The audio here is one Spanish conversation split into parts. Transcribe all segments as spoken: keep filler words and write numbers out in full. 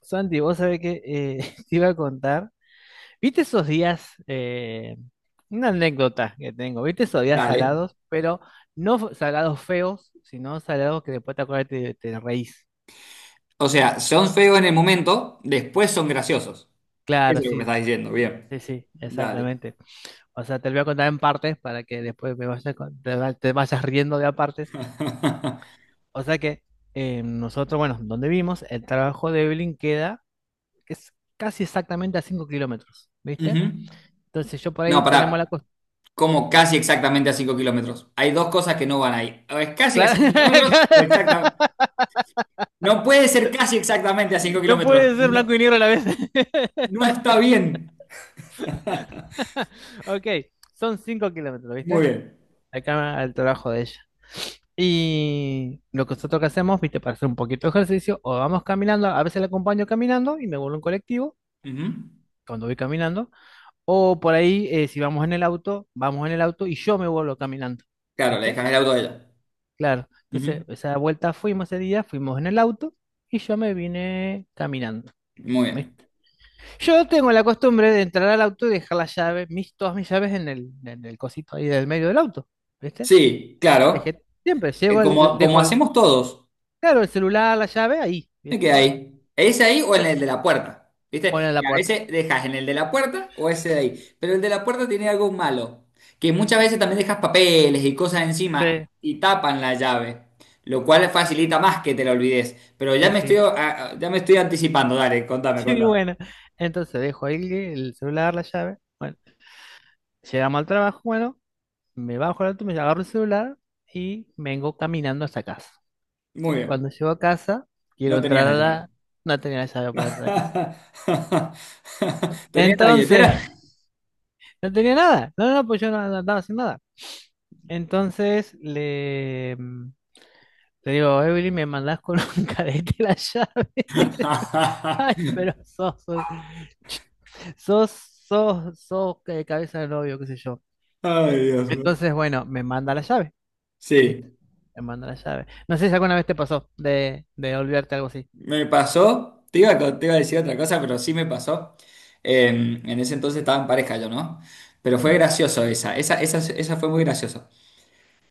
Santi, vos sabés que eh, te iba a contar. ¿Viste esos días? eh, una anécdota que tengo. ¿Viste esos días Dale. salados? Pero no f- salados feos, sino salados que después te acuerdas y te, te reís. O sea, son feos en el momento, después son graciosos. Eso Claro, es lo que me sí, estás diciendo, bien. sí, sí, Dale. exactamente. O sea, te lo voy a contar en partes para que después me vayas con- te, va- te vayas riendo de a partes. O sea que eh, nosotros, bueno, donde vimos, el trabajo de Evelyn queda que es casi exactamente a cinco kilómetros, ¿viste? Ujú. Entonces yo por No, ahí tenemos la para costumbre. como casi exactamente a cinco kilómetros. Hay dos cosas que no van ahí. O es casi a Claro, cinco kilómetros o exactamente. No puede ser casi exactamente a cinco no kilómetros. puede ser blanco No, y negro a la vez. no está bien. Ok, son cinco kilómetros, Muy ¿viste? bien. Acá al trabajo de ella. Y lo que nosotros que hacemos, ¿viste? Para hacer un poquito de ejercicio, o vamos caminando, a veces la acompaño caminando y me vuelvo en colectivo Ujú. cuando voy caminando, o por ahí, eh, si vamos en el auto, vamos en el auto y yo me vuelvo caminando, Claro, le ¿viste? dejan el auto a ella. Claro, entonces Ujú. esa vuelta fuimos ese día, fuimos en el auto y yo me vine caminando. Muy bien. ¿Viste? Yo tengo la costumbre de entrar al auto y dejar las llaves, mis, todas mis llaves en el, en el cosito ahí del medio del auto, ¿viste? Sí, claro. Dejé, siempre llego, Eh, al- Como, como dejo el, hacemos todos. claro, el celular, la llave ahí, Me ¿viste? quedé Bueno, ahí. ¿Ese ahí o en el de es, la puerta? ¿Viste? ponen la Que a puerta. veces dejas en el de la puerta o ese de ahí. Pero el de la puerta tiene algo malo. Que muchas veces también dejas papeles y cosas Sí, encima y tapan la llave. Lo cual facilita más que te la olvides. Pero ya sí, me estoy, sí. ah, ah, ya me estoy anticipando. Dale, contame, Sí, contame. bueno. Entonces dejo ahí el celular, la llave. Bueno, llegamos al trabajo, bueno, me bajo al auto, me agarro el celular y vengo caminando hasta casa. Muy Cuando bien. llego a casa, No quiero tenías entrar la a llave. la... No tenía la llave para entrar a casa. ¿Tenías la Entonces, billetera? no tenía nada. No, no, no, pues yo no, no andaba sin nada. Entonces le, mm, le digo, Evelyn, me mandás con un cadete la llave. Ay, pero sos, sos, sos, sos, sos, eh, cabeza de novio, qué sé yo. Ay, Dios mío. Entonces, bueno, me manda la llave, ¿viste? Sí. Me manda la llave. No sé si alguna vez te pasó de, de olvidarte algo así. Me pasó, te iba, a co- te iba a decir otra cosa, pero sí me pasó. En, en ese entonces estaba en pareja yo, ¿no? Pero fue gracioso esa, esa, esa, esa fue muy graciosa.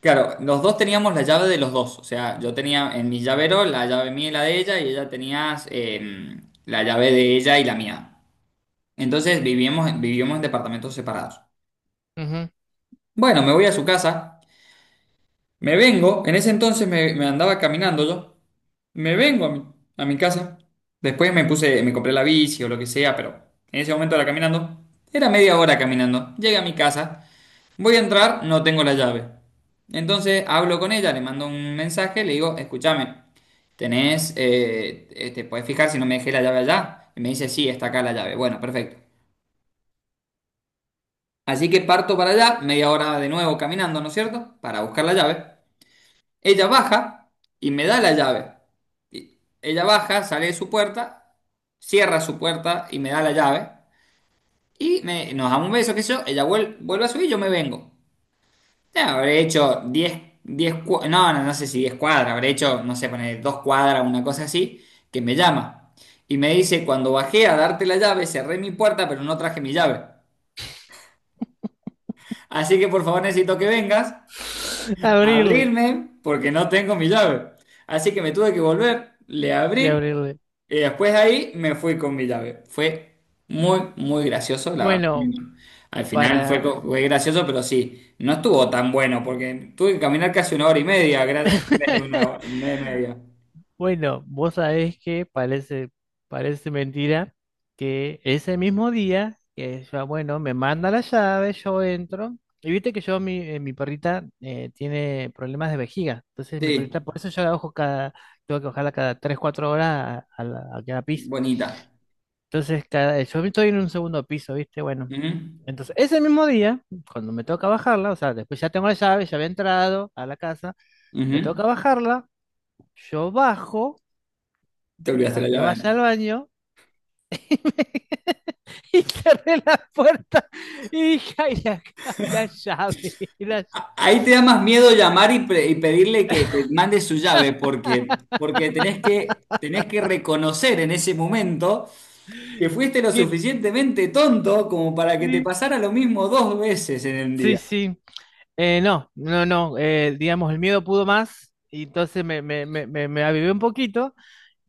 Claro, los dos teníamos la llave de los dos, o sea, yo tenía en mi llavero la llave mía y la de ella, y ella tenía eh, la llave de ella y la mía. Entonces vivíamos, vivíamos en departamentos separados. Ujú, ujú. Bueno, me voy a su casa, me vengo, en ese entonces me, me andaba caminando yo. Me vengo a mi, A mi casa. Después me puse, me compré la bici o lo que sea, pero en ese momento era caminando. Era media hora caminando. Llegué a mi casa, voy a entrar, no tengo la llave. Entonces hablo con ella, le mando un mensaje, le digo, escúchame, tenés, eh, eh, te puedes fijar si no me dejé la llave allá. Y me dice, sí, está acá la llave. Bueno, perfecto. Así que parto para allá, media hora de nuevo caminando, ¿no es cierto? Para buscar la llave. Ella baja y me da la llave. Y ella baja, sale de su puerta, cierra su puerta y me da la llave. Y me- nos damos un beso, qué sé yo. Ella vuel- vuelve a subir, yo me vengo. Ya, habré hecho diez, diez, cua- no, no, no sé si diez cuadras, habré hecho, no sé, poner dos cuadras, una cosa así, que me llama. Y me dice, cuando bajé a darte la llave, cerré mi puerta, pero no traje mi llave. Así que por favor necesito que vengas a Abrirle abrirme porque no tengo mi llave. Así que me tuve que volver, le y abrí. abrirle. Y después de ahí me fui con mi llave. Fue muy, muy gracioso, la verdad. Bueno, Al final fue, para. co- fue gracioso, pero sí, no estuvo tan bueno porque tuve que caminar casi una hora y media gra- en vez de una hora, una hora y media. Bueno, vos sabés que parece, parece mentira que ese mismo día, que yo, bueno, me manda la llave, yo entro, y viste que yo, mi, eh, mi perrita eh, tiene problemas de vejiga, entonces mi Sí, perrita, por eso yo la ojo cada, tengo que bajarla cada tres cuatro horas a, a la, a cada piso. bonita. Entonces, cada, yo estoy en un segundo piso, viste, bueno. Ujú, Entonces, ese mismo día, cuando me toca bajarla, o sea, después ya tengo la llave, ya había entrado a la casa, ujú. me toca bajarla, yo bajo Te a olvidaste la que llave vaya adentro. al baño y, me- y cerré la puerta y dije, ay, la, ay, la llave, la A- Ahí te da más miedo llamar y, pre- y pedirle que te mande su llave, porque, porque tenés que, tenés que reconocer en ese momento que llave". fuiste lo Que- suficientemente tonto como para que te sí, pasara lo mismo dos veces en el sí, día. sí. Eh, no, no, no, eh, digamos, el miedo pudo más y entonces me, me, me, me, me avivé un poquito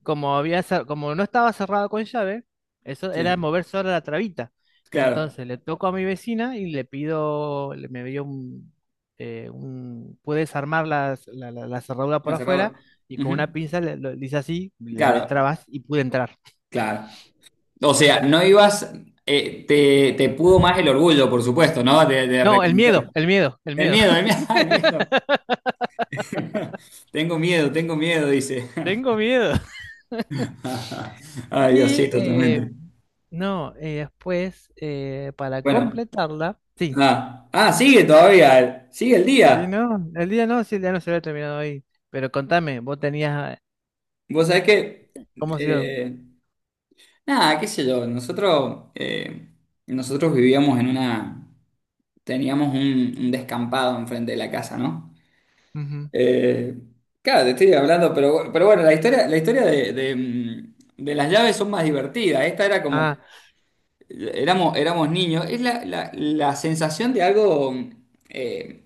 como había, cer- como no estaba cerrado con llave, eso Sí, era mover sola la trabita. claro, Entonces le toco a mi vecina y le pido, le- me dio un, eh, un- pude desarmar las- la, la- la cerradura por la afuera cerradora. y con una Ujú. pinza le, lo- le hice así, la Claro, destrabas y pude entrar. claro. O sea, no ibas, eh, te, te pudo más el orgullo, por supuesto, ¿no? De, de No, el miedo, reconocer. el miedo, el El miedo. miedo, el miedo, el miedo. Tengo miedo, tengo miedo, dice. Tengo miedo. Ay, Dios, sí, Y eh, totalmente. no, eh, después, eh, para Bueno, completarla, sí. ah, ah, sigue todavía, sigue el Sí, día. no, el día no, sí, el día no se había terminado ahí. Pero contame, vos tenías Vos sabés que ¿cómo ha sido? eh, nada, qué sé yo, nosotros, eh, nosotros vivíamos en una, teníamos un, un descampado enfrente de la casa, ¿no? Ujú. Eh, claro, te estoy hablando, pero, pero bueno, la historia, la historia de, de, mm, de las llaves son más divertidas. Esta era como, Ah, éramos, éramos niños, es la, la- la sensación de algo, eh,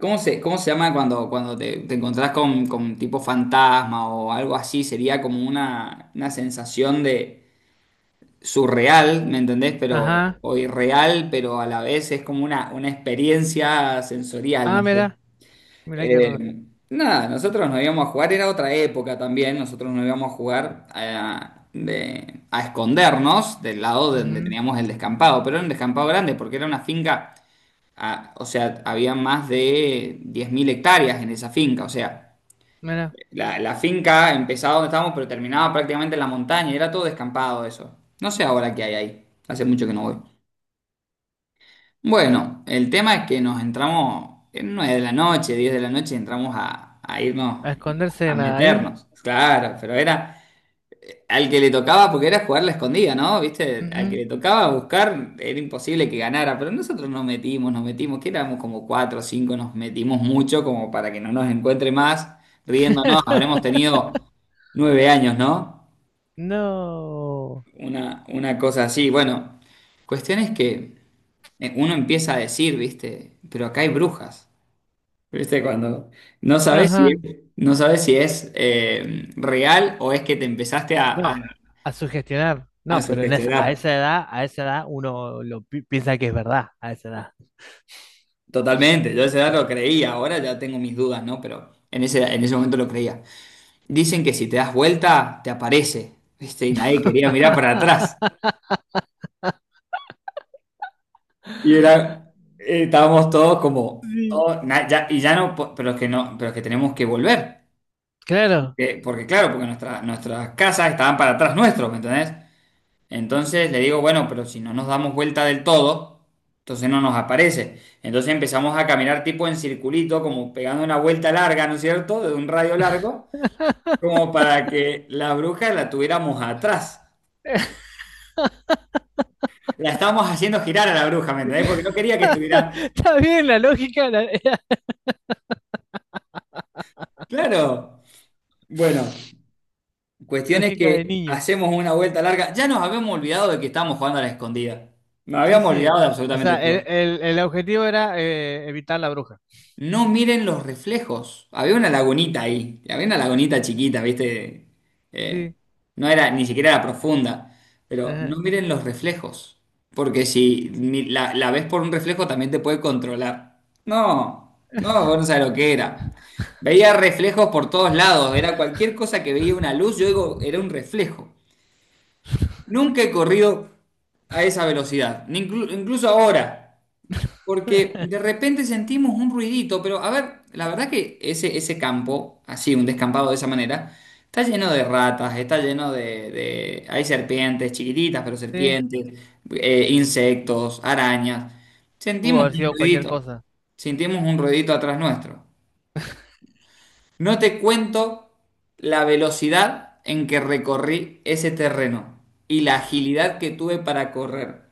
¿cómo se, cómo se llama cuando, cuando te, te encontrás con, con tipo fantasma o algo así? Sería como una, una sensación surreal, ¿me entendés? Pero, ajá. o irreal, pero a la vez es como una, una experiencia sensorial, no Ah, sé. mira. Mira qué raro. Eh, nada, nosotros nos íbamos a jugar, era otra época también, nosotros nos íbamos a jugar a, de- a escondernos del lado de donde Ujú. teníamos el descampado, pero era un descampado grande porque era una finca, ah, o sea, había más de diez mil hectáreas en esa finca, o sea. Mira. La, la finca empezaba donde estábamos, pero terminaba prácticamente en la montaña y era todo descampado eso. No sé ahora qué hay ahí. Hace mucho que no voy. Bueno, el tema es que nos entramos en nueve de la noche, diez de la noche, entramos a, a irnos, A esconderse a en ahí. meternos. Claro, pero era, al que le tocaba, porque era jugar la escondida, ¿no? ¿Viste? Al que Ujú. le tocaba buscar, era imposible que ganara, pero nosotros nos metimos, nos metimos, que éramos como cuatro o cinco, nos metimos mucho como para que no nos encuentre más, riéndonos, habremos tenido nueve años, ¿no? No. Una, una cosa así. Bueno, cuestión es que eh, uno empieza a decir, ¿viste? Pero acá hay brujas, ¿viste? Cuando no sabes Ajá. si es, no sabes si es eh, real o es que te empezaste a, a, No. A sugestionar. a No, pero en es- a sugestionar. esa edad, a esa edad uno lo pi- piensa que es verdad, a esa edad. Totalmente, yo ese dato lo creía, ahora ya tengo mis dudas, ¿no? Pero en ese, en ese momento lo creía. Dicen que si te das vuelta, te aparece, ¿viste? Y nadie quería mirar para atrás. Y era, eh, estábamos todos como, Sí. todos, na- ya- y ya no, po- pero es que no, pero es que tenemos que volver. Claro. Eh, porque claro, porque nuestra- nuestras casas estaban para atrás nuestros, ¿me entendés? Entonces le digo, bueno, pero si no nos damos vuelta del todo, entonces no nos aparece. Entonces empezamos a caminar tipo en circulito, como pegando una vuelta larga, ¿no es cierto? De un radio largo. Como para que la bruja la tuviéramos atrás. La estábamos haciendo girar a la bruja, ¿me entendés? Porque no quería que estuviera. Está bien la lógica, la Claro. Bueno, cuestión es lógica de que niño. hacemos una vuelta larga. Ya nos habíamos olvidado de que estábamos jugando a la escondida. Nos Sí, habíamos sí. olvidado de O absolutamente sea, el, todo. el- el objetivo era eh, evitar la bruja. No miren los reflejos. Había una lagunita ahí. Había una lagunita chiquita, ¿viste? Eh, Sí. no era, ni siquiera era profunda. Pero no Ajá. miren los reflejos. Porque si mi- la, la ves por un reflejo también te puede controlar. No, no, vos no sabés lo que era. Veía reflejos por todos lados. Era cualquier cosa que veía una luz, yo digo, era un reflejo. Nunca he corrido a esa velocidad, ni inclu- incluso ahora. Porque de repente sentimos un ruidito, pero a ver, la verdad que ese, ese campo, así, un descampado de esa manera, está lleno de ratas, está lleno de, de- hay serpientes, chiquititas, pero Sí. serpientes, eh, insectos, arañas. Pudo Sentimos haber un sido cualquier ruidito, cosa. sentimos un ruidito atrás nuestro. No te cuento la velocidad en que recorrí ese terreno y la agilidad que tuve para correr.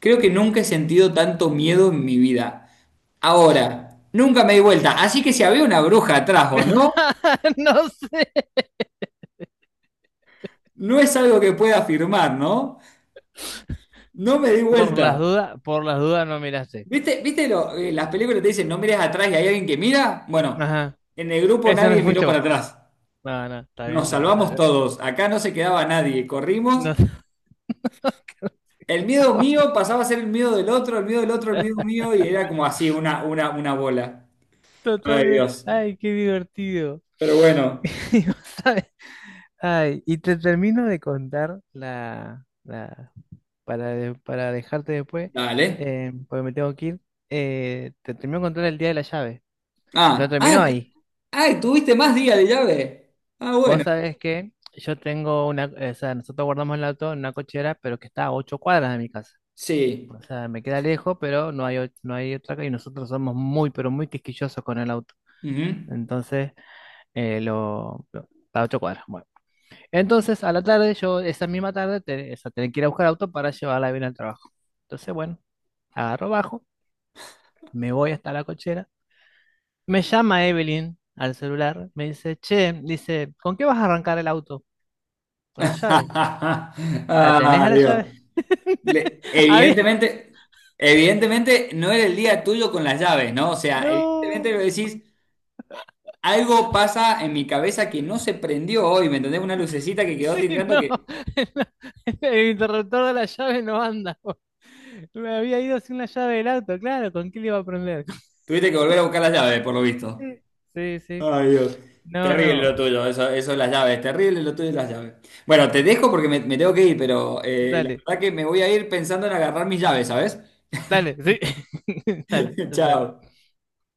Creo que nunca he sentido tanto miedo en mi vida. Ahora, nunca me di vuelta, así que si había una bruja atrás o no, No sé. no es algo que pueda afirmar, ¿no? No me di Por vuelta. las dudas, por las dudas no miraste. ¿Viste, viste lo- eh, las películas te dicen no mires atrás y hay alguien que mira? Bueno, Ajá. en el grupo Eso no nadie miró fuiste para vos. atrás. No, no, está Nos bien. la- o sea, salvamos todos, acá no se quedaba nadie, corrimos. no sé El miedo mío pasaba a ser el miedo del otro, el miedo del otro, el miedo mío, y era como así, una, una, una bola. Ay, totalmente. Dios. Ay, qué divertido. Pero bueno, Y vos sabés- ay, y te termino de contar la, la para, de- para dejarte después, dale. eh, porque me tengo que ir. eh, te termino de contar el día de la llave. No Ah, terminó ah, t- ahí. ah, tuviste más días de llave. Ah, Vos bueno, sabés que yo tengo una, o sea, nosotros guardamos el auto en una cochera, pero que está a ocho cuadras de mi casa. sí. O sea, me queda lejos, pero no hay, o- no hay otra calle. Y nosotros somos muy, pero muy quisquillosos con el auto. Ujú. Entonces, eh, lo, lo- a ocho cuadras. Bueno. Entonces, a la tarde, yo esa misma tarde, te- o sea, tenía que ir a buscar auto para llevarla bien al trabajo. Entonces, bueno, agarro bajo, me voy hasta la cochera. Me llama Evelyn al celular, me dice, che, dice, ¿con qué vas a arrancar el auto? Con la llave. ¿La tenés Ah, a la Dios. llave? Le- Había- evidentemente, evidentemente no era el día tuyo con las llaves, ¿no? O sea, evidentemente lo no. decís, algo pasa en mi cabeza que no se prendió hoy, ¿me entendés? Una lucecita que quedó Sí, titilando no. que El interruptor de la llave no anda. Me había ido sin la llave del auto, claro. ¿Con qué le iba a prender? tuviste que volver a buscar las llaves, por lo visto. Sí, sí. Ay, Dios. No, Terrible no. lo tuyo, eso, eso de las llaves, terrible lo tuyo de las llaves. Bueno, te dejo porque me, me tengo que ir, pero eh, la Dale, verdad que me voy a ir pensando en agarrar mis llaves, ¿sabes? dale, sí. Dale, total. Chao.